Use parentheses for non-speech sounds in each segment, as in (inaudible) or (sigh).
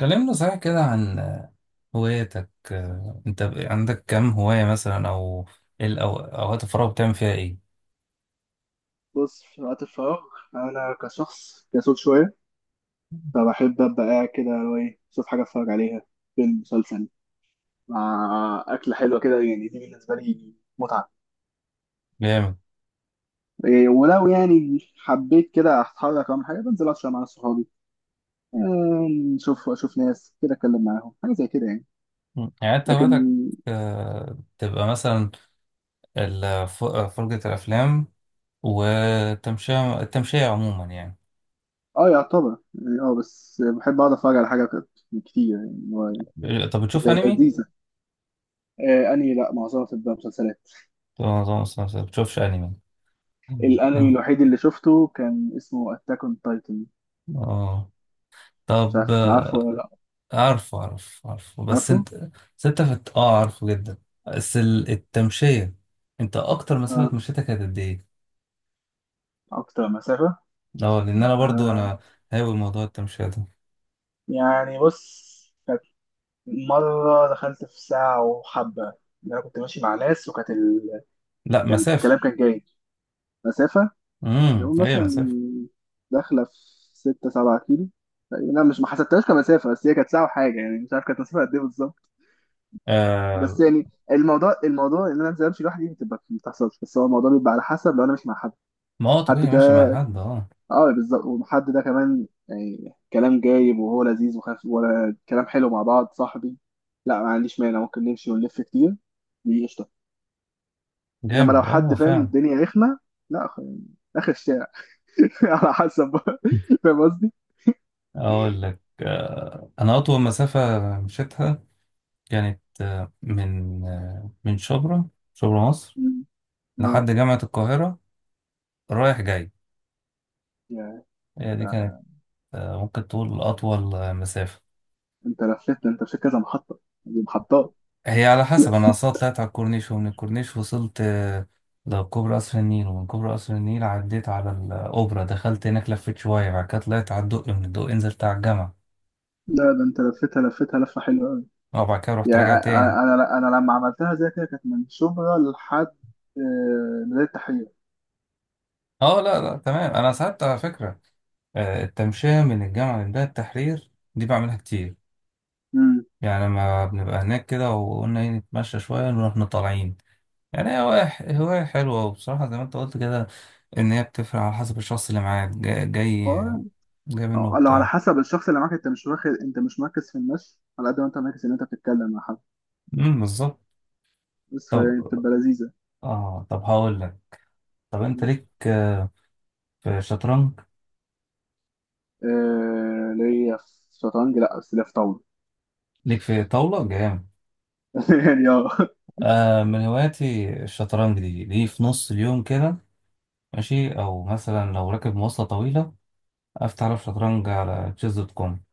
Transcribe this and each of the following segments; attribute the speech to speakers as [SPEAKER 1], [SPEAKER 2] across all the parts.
[SPEAKER 1] كلمنا صحيح كده عن هواياتك. انت عندك كم هواية مثلا، او ايه اوقات الفراغ بتعمل فيها ايه؟
[SPEAKER 2] بص، في وقت الفراغ، أنا كشخص كسول شوية، فبحب أبقى قاعد كده، اللي هو إيه، أشوف حاجة أتفرج عليها: فيلم، مسلسل، مع أكلة حلوة كده، يعني دي بالنسبة لي متعة.
[SPEAKER 1] جامد.
[SPEAKER 2] إيه، ولو يعني حبيت كده أتحرك أو حاجة، بنزل أتفرج مع صحابي. أشوف ناس كده، أتكلم معاهم حاجة زي كده يعني.
[SPEAKER 1] يعني انت
[SPEAKER 2] لكن
[SPEAKER 1] هواياتك، تبقى مثلا فرجة الافلام، والتمشية عموما يعني.
[SPEAKER 2] يعتبر، يعني بس بحب أقعد أتفرج على حاجة كده كتير، يعني اللي هو.
[SPEAKER 1] طب بتشوف
[SPEAKER 2] إيه،
[SPEAKER 1] انمي؟
[SPEAKER 2] لذيذة. آه، أنهي؟ لأ، معظمها بتبقى مسلسلات.
[SPEAKER 1] طب ما بتشوفش انمي. مم.
[SPEAKER 2] الانمي
[SPEAKER 1] اه.
[SPEAKER 2] الوحيد اللي شفته كان اسمه اتاك اون تايتن.
[SPEAKER 1] آه.
[SPEAKER 2] مش
[SPEAKER 1] طب
[SPEAKER 2] عارف، عارفه ولا لا؟
[SPEAKER 1] عارفه عارفه عارفه، بس
[SPEAKER 2] عارفه.
[SPEAKER 1] انت، بس انت فت... اه عارفه جدا. بس التمشية، انت اكتر
[SPEAKER 2] اه،
[SPEAKER 1] مسافة مشيتها كانت قد ايه؟
[SPEAKER 2] اكتر مسافة؟
[SPEAKER 1] اه، لان انا برضو
[SPEAKER 2] آه.
[SPEAKER 1] هاوي موضوع التمشية ده.
[SPEAKER 2] يعني بص، كانت مرة دخلت في ساعة وحبة، إن أنا كنت ماشي مع ناس، وكانت ال...
[SPEAKER 1] لا، مسافة.
[SPEAKER 2] الكلام كان جاي مسافة،
[SPEAKER 1] امم،
[SPEAKER 2] يقول
[SPEAKER 1] هي
[SPEAKER 2] مثلا
[SPEAKER 1] مسافة.
[SPEAKER 2] داخلة في ستة سبعة كيلو تقريباً. لا، مش ما حسبتهاش كمسافة، بس هي كانت ساعة وحاجة، يعني مش عارف كانت مسافة قد إيه بالظبط. بس
[SPEAKER 1] آه،
[SPEAKER 2] يعني الموضوع إن أنا أنزل أمشي لوحدي دي بتبقى ما بتحصلش، بس هو الموضوع بيبقى على حسب، لو أنا مش مع حد.
[SPEAKER 1] ما هو
[SPEAKER 2] حد.
[SPEAKER 1] طبيعي ماشي مع حد. اه
[SPEAKER 2] اه، بالظبط. والحد ده كمان، يعني كلام جايب وهو لذيذ وخف، ولا كلام حلو، مع بعض صاحبي، لا ما عنديش مانع، ممكن نمشي ونلف كتير، دي قشطة. انما لو
[SPEAKER 1] جامد، اه
[SPEAKER 2] حد فاهم،
[SPEAKER 1] فعلا.
[SPEAKER 2] الدنيا رخمة. لا، يعني اخر الشارع. (laughs) على حسب بقى. فاهم قصدي؟
[SPEAKER 1] (laughs) اقول لك آه، انا اطول مسافة مشيتها كانت من شبرا، شبرا مصر،
[SPEAKER 2] مم. اه.
[SPEAKER 1] لحد جامعة القاهرة، رايح جاي.
[SPEAKER 2] يا
[SPEAKER 1] هي دي كانت، ممكن تقول أطول مسافة.
[SPEAKER 2] انت لفيت ده، انت في كذا محطة، دي محطات.
[SPEAKER 1] هي على حسب، أنا أصلا
[SPEAKER 2] (laughs)
[SPEAKER 1] طلعت على الكورنيش، ومن الكورنيش وصلت لكوبري قصر النيل، ومن كوبري قصر النيل عديت على الأوبرا، دخلت هناك لفيت شوية، بعد كده طلعت على الدقي، من الدقي نزلت على الجامعة،
[SPEAKER 2] لا، ده انت لفيتها لفة حلوة قوي.
[SPEAKER 1] وبعد كده رحت
[SPEAKER 2] يعني
[SPEAKER 1] راجع
[SPEAKER 2] أ- أ-
[SPEAKER 1] تاني.
[SPEAKER 2] انا لما عملتها زي كده، كانت من شبرا لحد ميدان التحرير.
[SPEAKER 1] اه لا لا، تمام. أنا ساعات على فكرة التمشية من الجامعة لمدينة التحرير دي بعملها كتير.
[SPEAKER 2] امم
[SPEAKER 1] يعني لما بنبقى هناك كده وقلنا ايه، نتمشى شوية نروح طالعين. يعني هي هواية، هواية حلوة. وبصراحة زي ما انت قلت كده، ان هي بتفرق على حسب الشخص اللي معاك، جاي منه
[SPEAKER 2] آه، لو على
[SPEAKER 1] وبتاع.
[SPEAKER 2] حسب الشخص اللي معاك، انت مش واخد، انت مش مركز في الناس، على قد ما انت مركز ان انت بتتكلم مع حد.
[SPEAKER 1] امم، بالظبط.
[SPEAKER 2] بس
[SPEAKER 1] طب،
[SPEAKER 2] فهي بتبقى لذيذه.
[SPEAKER 1] اه طب هقول لك، طب انت ليك في شطرنج؟
[SPEAKER 2] آه، ليا في شطرنج؟ لا، بس ليا في طاوله.
[SPEAKER 1] ليك في طاولة جامد.
[SPEAKER 2] (laughs) يعني اه.
[SPEAKER 1] آه، من هواياتي الشطرنج. دي في نص اليوم كده ماشي، او مثلا لو راكب مواصلة طويلة افتح على شطرنج، على تشيز دوت كوم.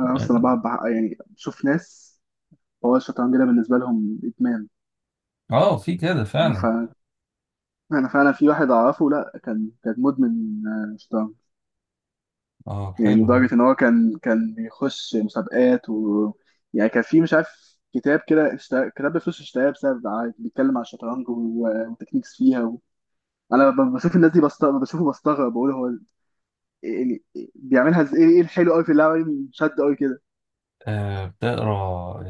[SPEAKER 2] انا اصلا يعني بشوف ناس، هو الشطرنج ده بالنسبه لهم ادمان.
[SPEAKER 1] اه، في كده
[SPEAKER 2] انا
[SPEAKER 1] فعلا.
[SPEAKER 2] فعلا انا فعلا في واحد اعرفه، لا كان مدمن شطرنج.
[SPEAKER 1] اه
[SPEAKER 2] يعني
[SPEAKER 1] حلو.
[SPEAKER 2] لدرجة إن هو كان بيخش مسابقات، و، يعني كان في، مش عارف، كتاب كده، اشترى كتاب بفلوس، اشتراه بسبب عادي، بيتكلم عن الشطرنج، وتكنيكس فيها و... بشوف الناس دي بستغرب، بشوفه بستغرب، بقول هو يعني بيعملها إزاي؟ إيه الحلو أوي في اللعبة دي؟ شد أوي كده.
[SPEAKER 1] آه بتقرا.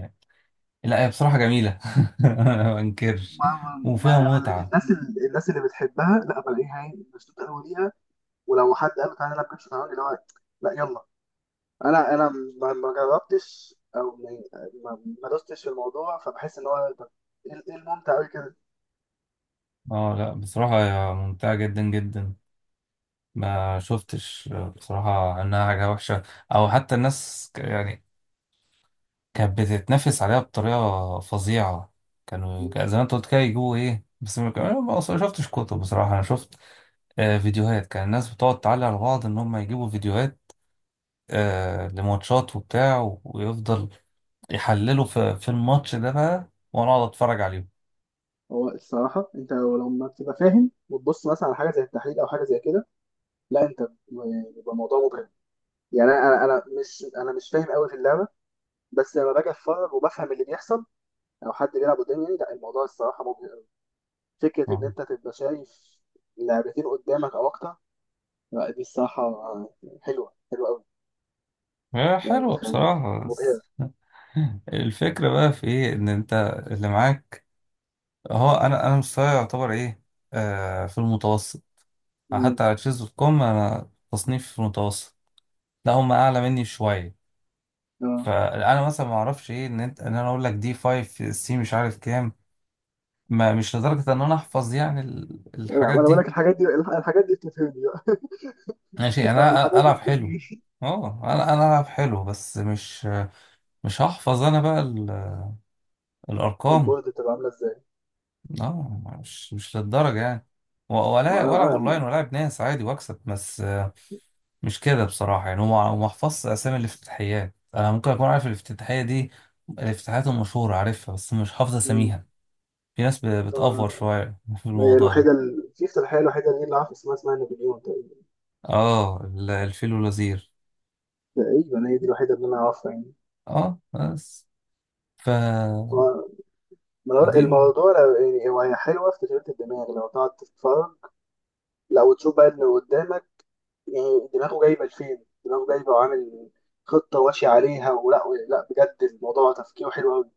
[SPEAKER 1] لا، هي بصراحة جميلة. (laughs) أنا ما أنكرش
[SPEAKER 2] ما
[SPEAKER 1] وفيها
[SPEAKER 2] ما أنا
[SPEAKER 1] متعة.
[SPEAKER 2] الناس اللي بتحبها، لا بلاقيها هي مشدودة أوي ليها، ولو حد قال له تعالى نلعب كده شطرنج، اللي هو لا يلا، انا ما ما جربتش او ما دوستش في الموضوع، فبحس ان هو، طب، إيه الممتع قوي كده؟
[SPEAKER 1] اه لا بصراحة، هي ممتعة جدا جدا. ما شفتش بصراحة إنها حاجة وحشة، أو حتى الناس يعني كانت بتتنافس عليها بطريقة فظيعة. كانوا
[SPEAKER 2] مم.
[SPEAKER 1] زي ما أنت قلت كده، يجيبوا إيه، بس ما كان- أنا ما أصلاً شفتش كتب بصراحة. أنا شفت فيديوهات. كان الناس بتقعد تعلق على بعض إن هم يجيبوا فيديوهات لماتشات وبتاع ويفضل يحللوا في الماتش ده بقى، وأنا أقعد أتفرج عليهم.
[SPEAKER 2] هو الصراحة، أنت لو لما بتبقى فاهم وتبص مثلا على حاجة زي التحليل، أو حاجة زي كده، لا، بيبقى الموضوع مبهر. يعني أنا مش فاهم قوي في اللعبة، بس لما باجي أتفرج وبفهم اللي بيحصل، أو حد بيلعب قدامي، يعني لا، الموضوع الصراحة مبهر قوي. فكرة إن
[SPEAKER 1] آه.
[SPEAKER 2] أنت تبقى شايف لعبتين قدامك أو أكتر، لا دي الصراحة حلوة قوي.
[SPEAKER 1] هي
[SPEAKER 2] يعني
[SPEAKER 1] حلوة
[SPEAKER 2] بتخلي
[SPEAKER 1] بصراحة،
[SPEAKER 2] مبهرة.
[SPEAKER 1] بس الفكرة بقى في ايه، ان انت اللي معاك. اهو انا مستواي يعتبر ايه، في المتوسط.
[SPEAKER 2] مم.
[SPEAKER 1] حتى على تشيز دوت كوم انا تصنيف في المتوسط. لا، هم اعلى مني شوية.
[SPEAKER 2] آه.
[SPEAKER 1] فانا مثلا ما اعرفش ايه، ان انت ان انا اقول لك دي 5 سي مش عارف كام. ما مش لدرجة ان انا احفظ يعني
[SPEAKER 2] لا،
[SPEAKER 1] الحاجات
[SPEAKER 2] وانا بقول
[SPEAKER 1] دي.
[SPEAKER 2] لك، الحاجات دي بتفهمني بقى.
[SPEAKER 1] ماشي،
[SPEAKER 2] (laughs)
[SPEAKER 1] يعني
[SPEAKER 2] آه،
[SPEAKER 1] انا
[SPEAKER 2] الحاجات دي
[SPEAKER 1] العب حلو.
[SPEAKER 2] بتفهمني.
[SPEAKER 1] اه انا العب حلو، بس مش هحفظ انا بقى الارقام.
[SPEAKER 2] البورد بتبقى عامله ازاي؟
[SPEAKER 1] اه مش مش للدرجة يعني،
[SPEAKER 2] آه،
[SPEAKER 1] ولا والعب
[SPEAKER 2] انا.
[SPEAKER 1] اونلاين والعب ناس عادي واكسب، بس مش كده بصراحة. يعني هو ما حفظش اسامي الافتتاحيات. انا ممكن اكون عارف الافتتاحية دي، الافتتاحيات المشهورة عارفها، بس مش حافظ
[SPEAKER 2] مم.
[SPEAKER 1] اساميها. في ناس بتأفور
[SPEAKER 2] آه،
[SPEAKER 1] شوية (laughs) في
[SPEAKER 2] هي
[SPEAKER 1] الموضوع ده.
[SPEAKER 2] الوحيده، في افتتاحيه الوحيده اللي انا عارف اسمها، اسمها نابليون تقريبا.
[SPEAKER 1] اه، الفيل والوزير.
[SPEAKER 2] تقريبا هي دي الوحيده اللي انا عارفها يعني.
[SPEAKER 1] اه بس. ف
[SPEAKER 2] آه، الموضوع
[SPEAKER 1] فدي
[SPEAKER 2] الموضوع يعني هو، هي حلوه في تشغيل الدماغ، لو تقعد تتفرج، لو تشوف بقى اللي قدامك، يعني دماغه جايبه لفين، دماغه جايبه وعامل خطه واشي عليها ولا، لا بجد الموضوع تفكيره حلو قوي.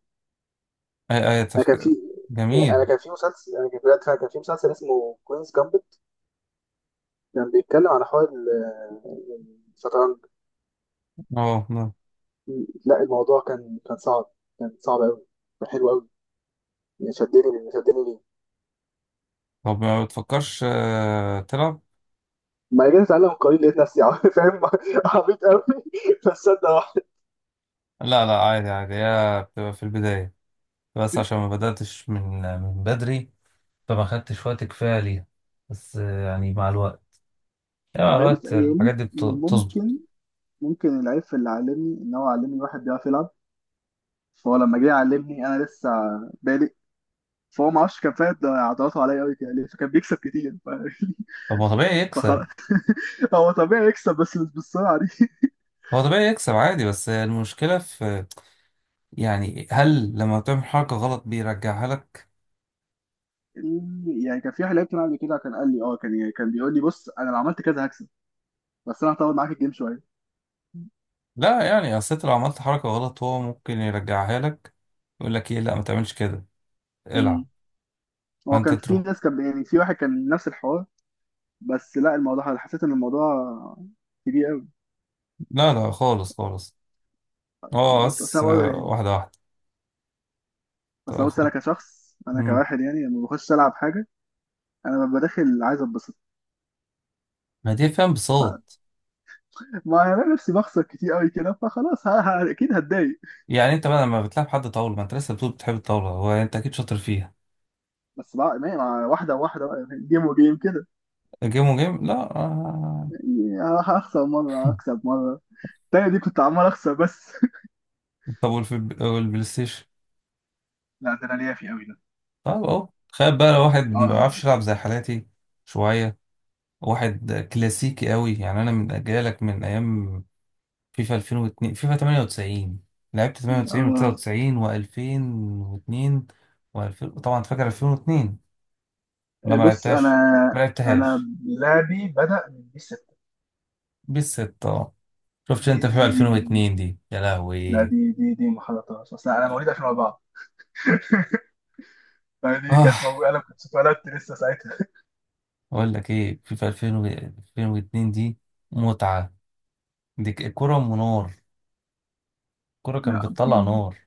[SPEAKER 1] اي اي
[SPEAKER 2] انا كان في
[SPEAKER 1] تفكير جميل.
[SPEAKER 2] انا كان في مسلسل، انا كان بجد فعلا كان في مسلسل اسمه كوينز جامبت، كان بيتكلم عن حوار الشطرنج.
[SPEAKER 1] اه نعم.
[SPEAKER 2] لا، الموضوع كان صعب، كان صعب قوي، كان حلو قوي، يعني شدني ليه.
[SPEAKER 1] طب ما بتفكرش تلعب.
[SPEAKER 2] ما جيت اتعلم قليل، لقيت نفسي (laughs) فاهم. عبيط قوي (laughs) بس صدق واحد.
[SPEAKER 1] لا لا عادي عادي، هي بتبقى في البداية، بس عشان ما بدأتش من بدري، فما خدتش وقت كفاية ليها. بس يعني مع الوقت، يعني مع
[SPEAKER 2] او هي بص
[SPEAKER 1] الوقت
[SPEAKER 2] هي
[SPEAKER 1] الحاجات دي بتظبط.
[SPEAKER 2] ممكن ممكن العيب في اللي علمني، ان هو علمني واحد بيعرف يلعب، فهو لما جه يعلمني انا لسه بادئ، فهو ما اعرفش كان فاهم ده عضلاته عليا قوي كده ليه، فكان بيكسب كتير ف...
[SPEAKER 1] طب هو طبيعي
[SPEAKER 2] (laughs)
[SPEAKER 1] يكسب.
[SPEAKER 2] فخلاص، هو طبيعي يكسب، بس مش بالسرعه دي (laughs)
[SPEAKER 1] هو طبيعي يكسب عادي، بس المشكلة في، يعني هل لما تعمل حركة غلط بيرجعها لك؟
[SPEAKER 2] يعني كان في واحد لعبت معاه قبل كده، كان قال لي اه، كان يعني كان بيقول لي بص، انا لو عملت كذا هكسب، بس انا هطول معاك الجيم شويه.
[SPEAKER 1] لا يعني، أصل أنت لو عملت حركة غلط هو ممكن يرجعها لك، يقول لك إيه لا ما تعملش كده،
[SPEAKER 2] امم.
[SPEAKER 1] العب.
[SPEAKER 2] هو
[SPEAKER 1] فأنت
[SPEAKER 2] كان في
[SPEAKER 1] تروح.
[SPEAKER 2] ناس، كان يعني، في واحد كان نفس الحوار، بس لا، الموضوع حسيت ان الموضوع كبير قوي.
[SPEAKER 1] لا لا خالص خالص. هو
[SPEAKER 2] بص اصل
[SPEAKER 1] بس
[SPEAKER 2] انا برضه يعني.
[SPEAKER 1] واحدة واحدة. طب
[SPEAKER 2] بس
[SPEAKER 1] يا
[SPEAKER 2] بص، انا
[SPEAKER 1] أخويا.
[SPEAKER 2] كشخص، انا
[SPEAKER 1] مم.
[SPEAKER 2] كواحد، يعني لما بخش العب حاجه، انا ببقى داخل عايز اتبسط.
[SPEAKER 1] ما دي فيها
[SPEAKER 2] ف-
[SPEAKER 1] انبساط.
[SPEAKER 2] ما انا نفسي بخسر كتير قوي كده، فخلاص اكيد هتضايق.
[SPEAKER 1] يعني انت بقى لما بتلعب حد طاولة، ما انت لسه بتقول بتحب الطاولة، هو يعني انت اكيد شاطر فيها.
[SPEAKER 2] بس بقى مع واحده واحده بقى، جيم وجيم كده.
[SPEAKER 1] جيم وجيم لا آه.
[SPEAKER 2] يعني هخسر مرة
[SPEAKER 1] (laughs)
[SPEAKER 2] أكسب مرة. التانية دي كنت عمال أخسر بس (laughs)
[SPEAKER 1] طب والبلاي ستيشن.
[SPEAKER 2] لا، ده انا ليا في قوي ده.
[SPEAKER 1] طب اهو تخيل بقى لو واحد ما بيعرفش
[SPEAKER 2] اه.
[SPEAKER 1] يلعب زي حالاتي شوية، واحد كلاسيكي قوي. يعني انا من جايلك من ايام فيفا 2002، فيفا 98. لعبت 98
[SPEAKER 2] آه.
[SPEAKER 1] و99 و2002 و2000 طبعا. فاكر 2002 ولا ما
[SPEAKER 2] بص، أنا
[SPEAKER 1] لعبتهاش؟ ما
[SPEAKER 2] أنا
[SPEAKER 1] لعبتهاش
[SPEAKER 2] لعبي بدأ من بي 6.
[SPEAKER 1] بالستة؟ شفت
[SPEAKER 2] دي
[SPEAKER 1] انت
[SPEAKER 2] دي
[SPEAKER 1] فيفا 2002 دي يا
[SPEAKER 2] لا،
[SPEAKER 1] لهوي؟
[SPEAKER 2] دي دي دي ما حضرتهاش، اصل انا مواليد 2004، فدي
[SPEAKER 1] اه
[SPEAKER 2] كانت موجوده، انا كنت اتولدت لسه ساعتها (laughs)
[SPEAKER 1] اقول لك ايه، فيفا 2000 2002 دي متعة. دي الكرة ام نار، الكرة كانت
[SPEAKER 2] لا
[SPEAKER 1] بتطلع
[SPEAKER 2] بتيجي.
[SPEAKER 1] نار.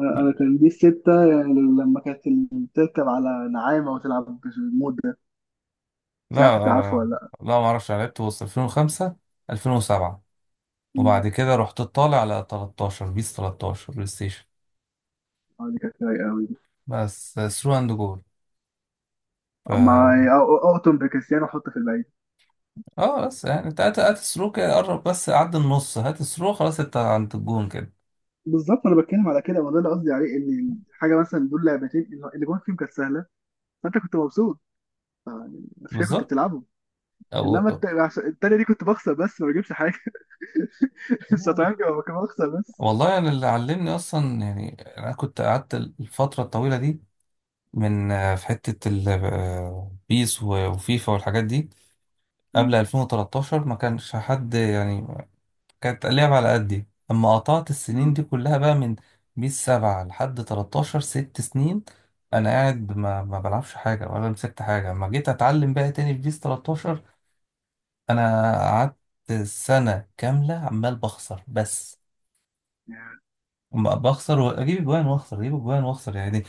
[SPEAKER 2] أنا أنا كان دي الستة يعني، لما كانت بتركب على نعامة وتلعب بالمود ده، مش عارف
[SPEAKER 1] لا
[SPEAKER 2] أنت عارفه ولا لأ.
[SPEAKER 1] لا ما اعرفش، أنا لعبت وسط 2005، 2007،
[SPEAKER 2] أمم.
[SPEAKER 1] وبعد كده رحت طالع على 13، بيس 13 بلاي ستيشن
[SPEAKER 2] آه، دي كانت رايقة أوي.
[SPEAKER 1] بس، ثرو اند جول.
[SPEAKER 2] ما
[SPEAKER 1] ف
[SPEAKER 2] أقطم بكريستيانو وحط في الباقي.
[SPEAKER 1] اه بس يعني، انت هات هات الثرو كده، قرب بس عدى النص، هات الثرو خلاص انت عند الجون كده.
[SPEAKER 2] بالظبط، انا بتكلم على كده، وده اللي قصدي عليه، ان حاجه مثلا، دول لعبتين اللي جوه فيهم كانت سهله، فانت كنت مبسوط عشان كنت
[SPEAKER 1] بالظبط.
[SPEAKER 2] بتلعبهم.
[SPEAKER 1] أو...
[SPEAKER 2] انما
[SPEAKER 1] أو-
[SPEAKER 2] التانيه دي كنت بخسر بس ما بجيبش حاجه (laughs) الشطرنج هو كان بخسر بس.
[SPEAKER 1] والله انا يعني اللي علمني اصلا، يعني انا كنت قعدت الفترة الطويلة دي من في حتة بيس وفيفا والحاجات دي. قبل
[SPEAKER 2] مم.
[SPEAKER 1] 2013 ما كانش حد، يعني كانت اللعبة على قدي. أما قطعت السنين
[SPEAKER 2] مم.
[SPEAKER 1] دي كلها بقى من بيس سبعة لحد 13، 6 سنين أنا قاعد ما بلعبش حاجة ولا مسكت حاجة. أما جيت أتعلم بقى تاني في بيس 13، أنا قعدت سنة كاملة عمال بخسر بس.
[SPEAKER 2] يعني
[SPEAKER 1] أما بخسر وأجيب أجوان وأخسر أجيب أجوان وأخسر، يعني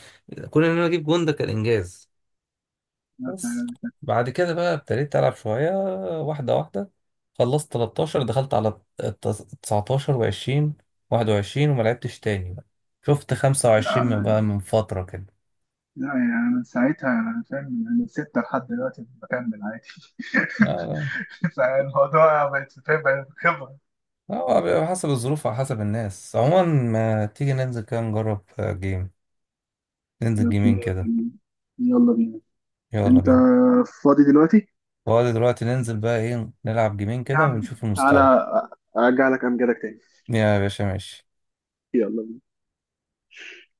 [SPEAKER 1] كون إن أنا أجيب جون ده كان إنجاز.
[SPEAKER 2] لا
[SPEAKER 1] بس
[SPEAKER 2] فعلاً.
[SPEAKER 1] بعد كده بقى ابتديت ألعب شوية، واحدة واحدة. خلصت 13 دخلت على 19 و20 21، وما لعبتش تاني بقى. شفت 25 من
[SPEAKER 2] لا
[SPEAKER 1] بقى من فترة كده.
[SPEAKER 2] لا، يعني أنا من ساعتها انا فاهم، من ستة لحد دلوقتي بكمل عادي
[SPEAKER 1] اه.
[SPEAKER 2] (laughs) فالموضوع بقت فاهم، بقت خبرة.
[SPEAKER 1] لا، هو بيبقى حسب الظروف وعلى حسب الناس عموما. ما تيجي ننزل كده نجرب جيم، ننزل
[SPEAKER 2] طب،
[SPEAKER 1] جيمين كده.
[SPEAKER 2] يلا بينا.
[SPEAKER 1] يلا
[SPEAKER 2] انت
[SPEAKER 1] بينا.
[SPEAKER 2] فاضي دلوقتي؟
[SPEAKER 1] فاضي دلوقتي؟ ننزل بقى ايه نلعب جيمين
[SPEAKER 2] يا
[SPEAKER 1] كده
[SPEAKER 2] عم،
[SPEAKER 1] ونشوف
[SPEAKER 2] تعالى،
[SPEAKER 1] المستوى.
[SPEAKER 2] ارجع لك امجدك تاني.
[SPEAKER 1] يا باشا ماشي.
[SPEAKER 2] يلا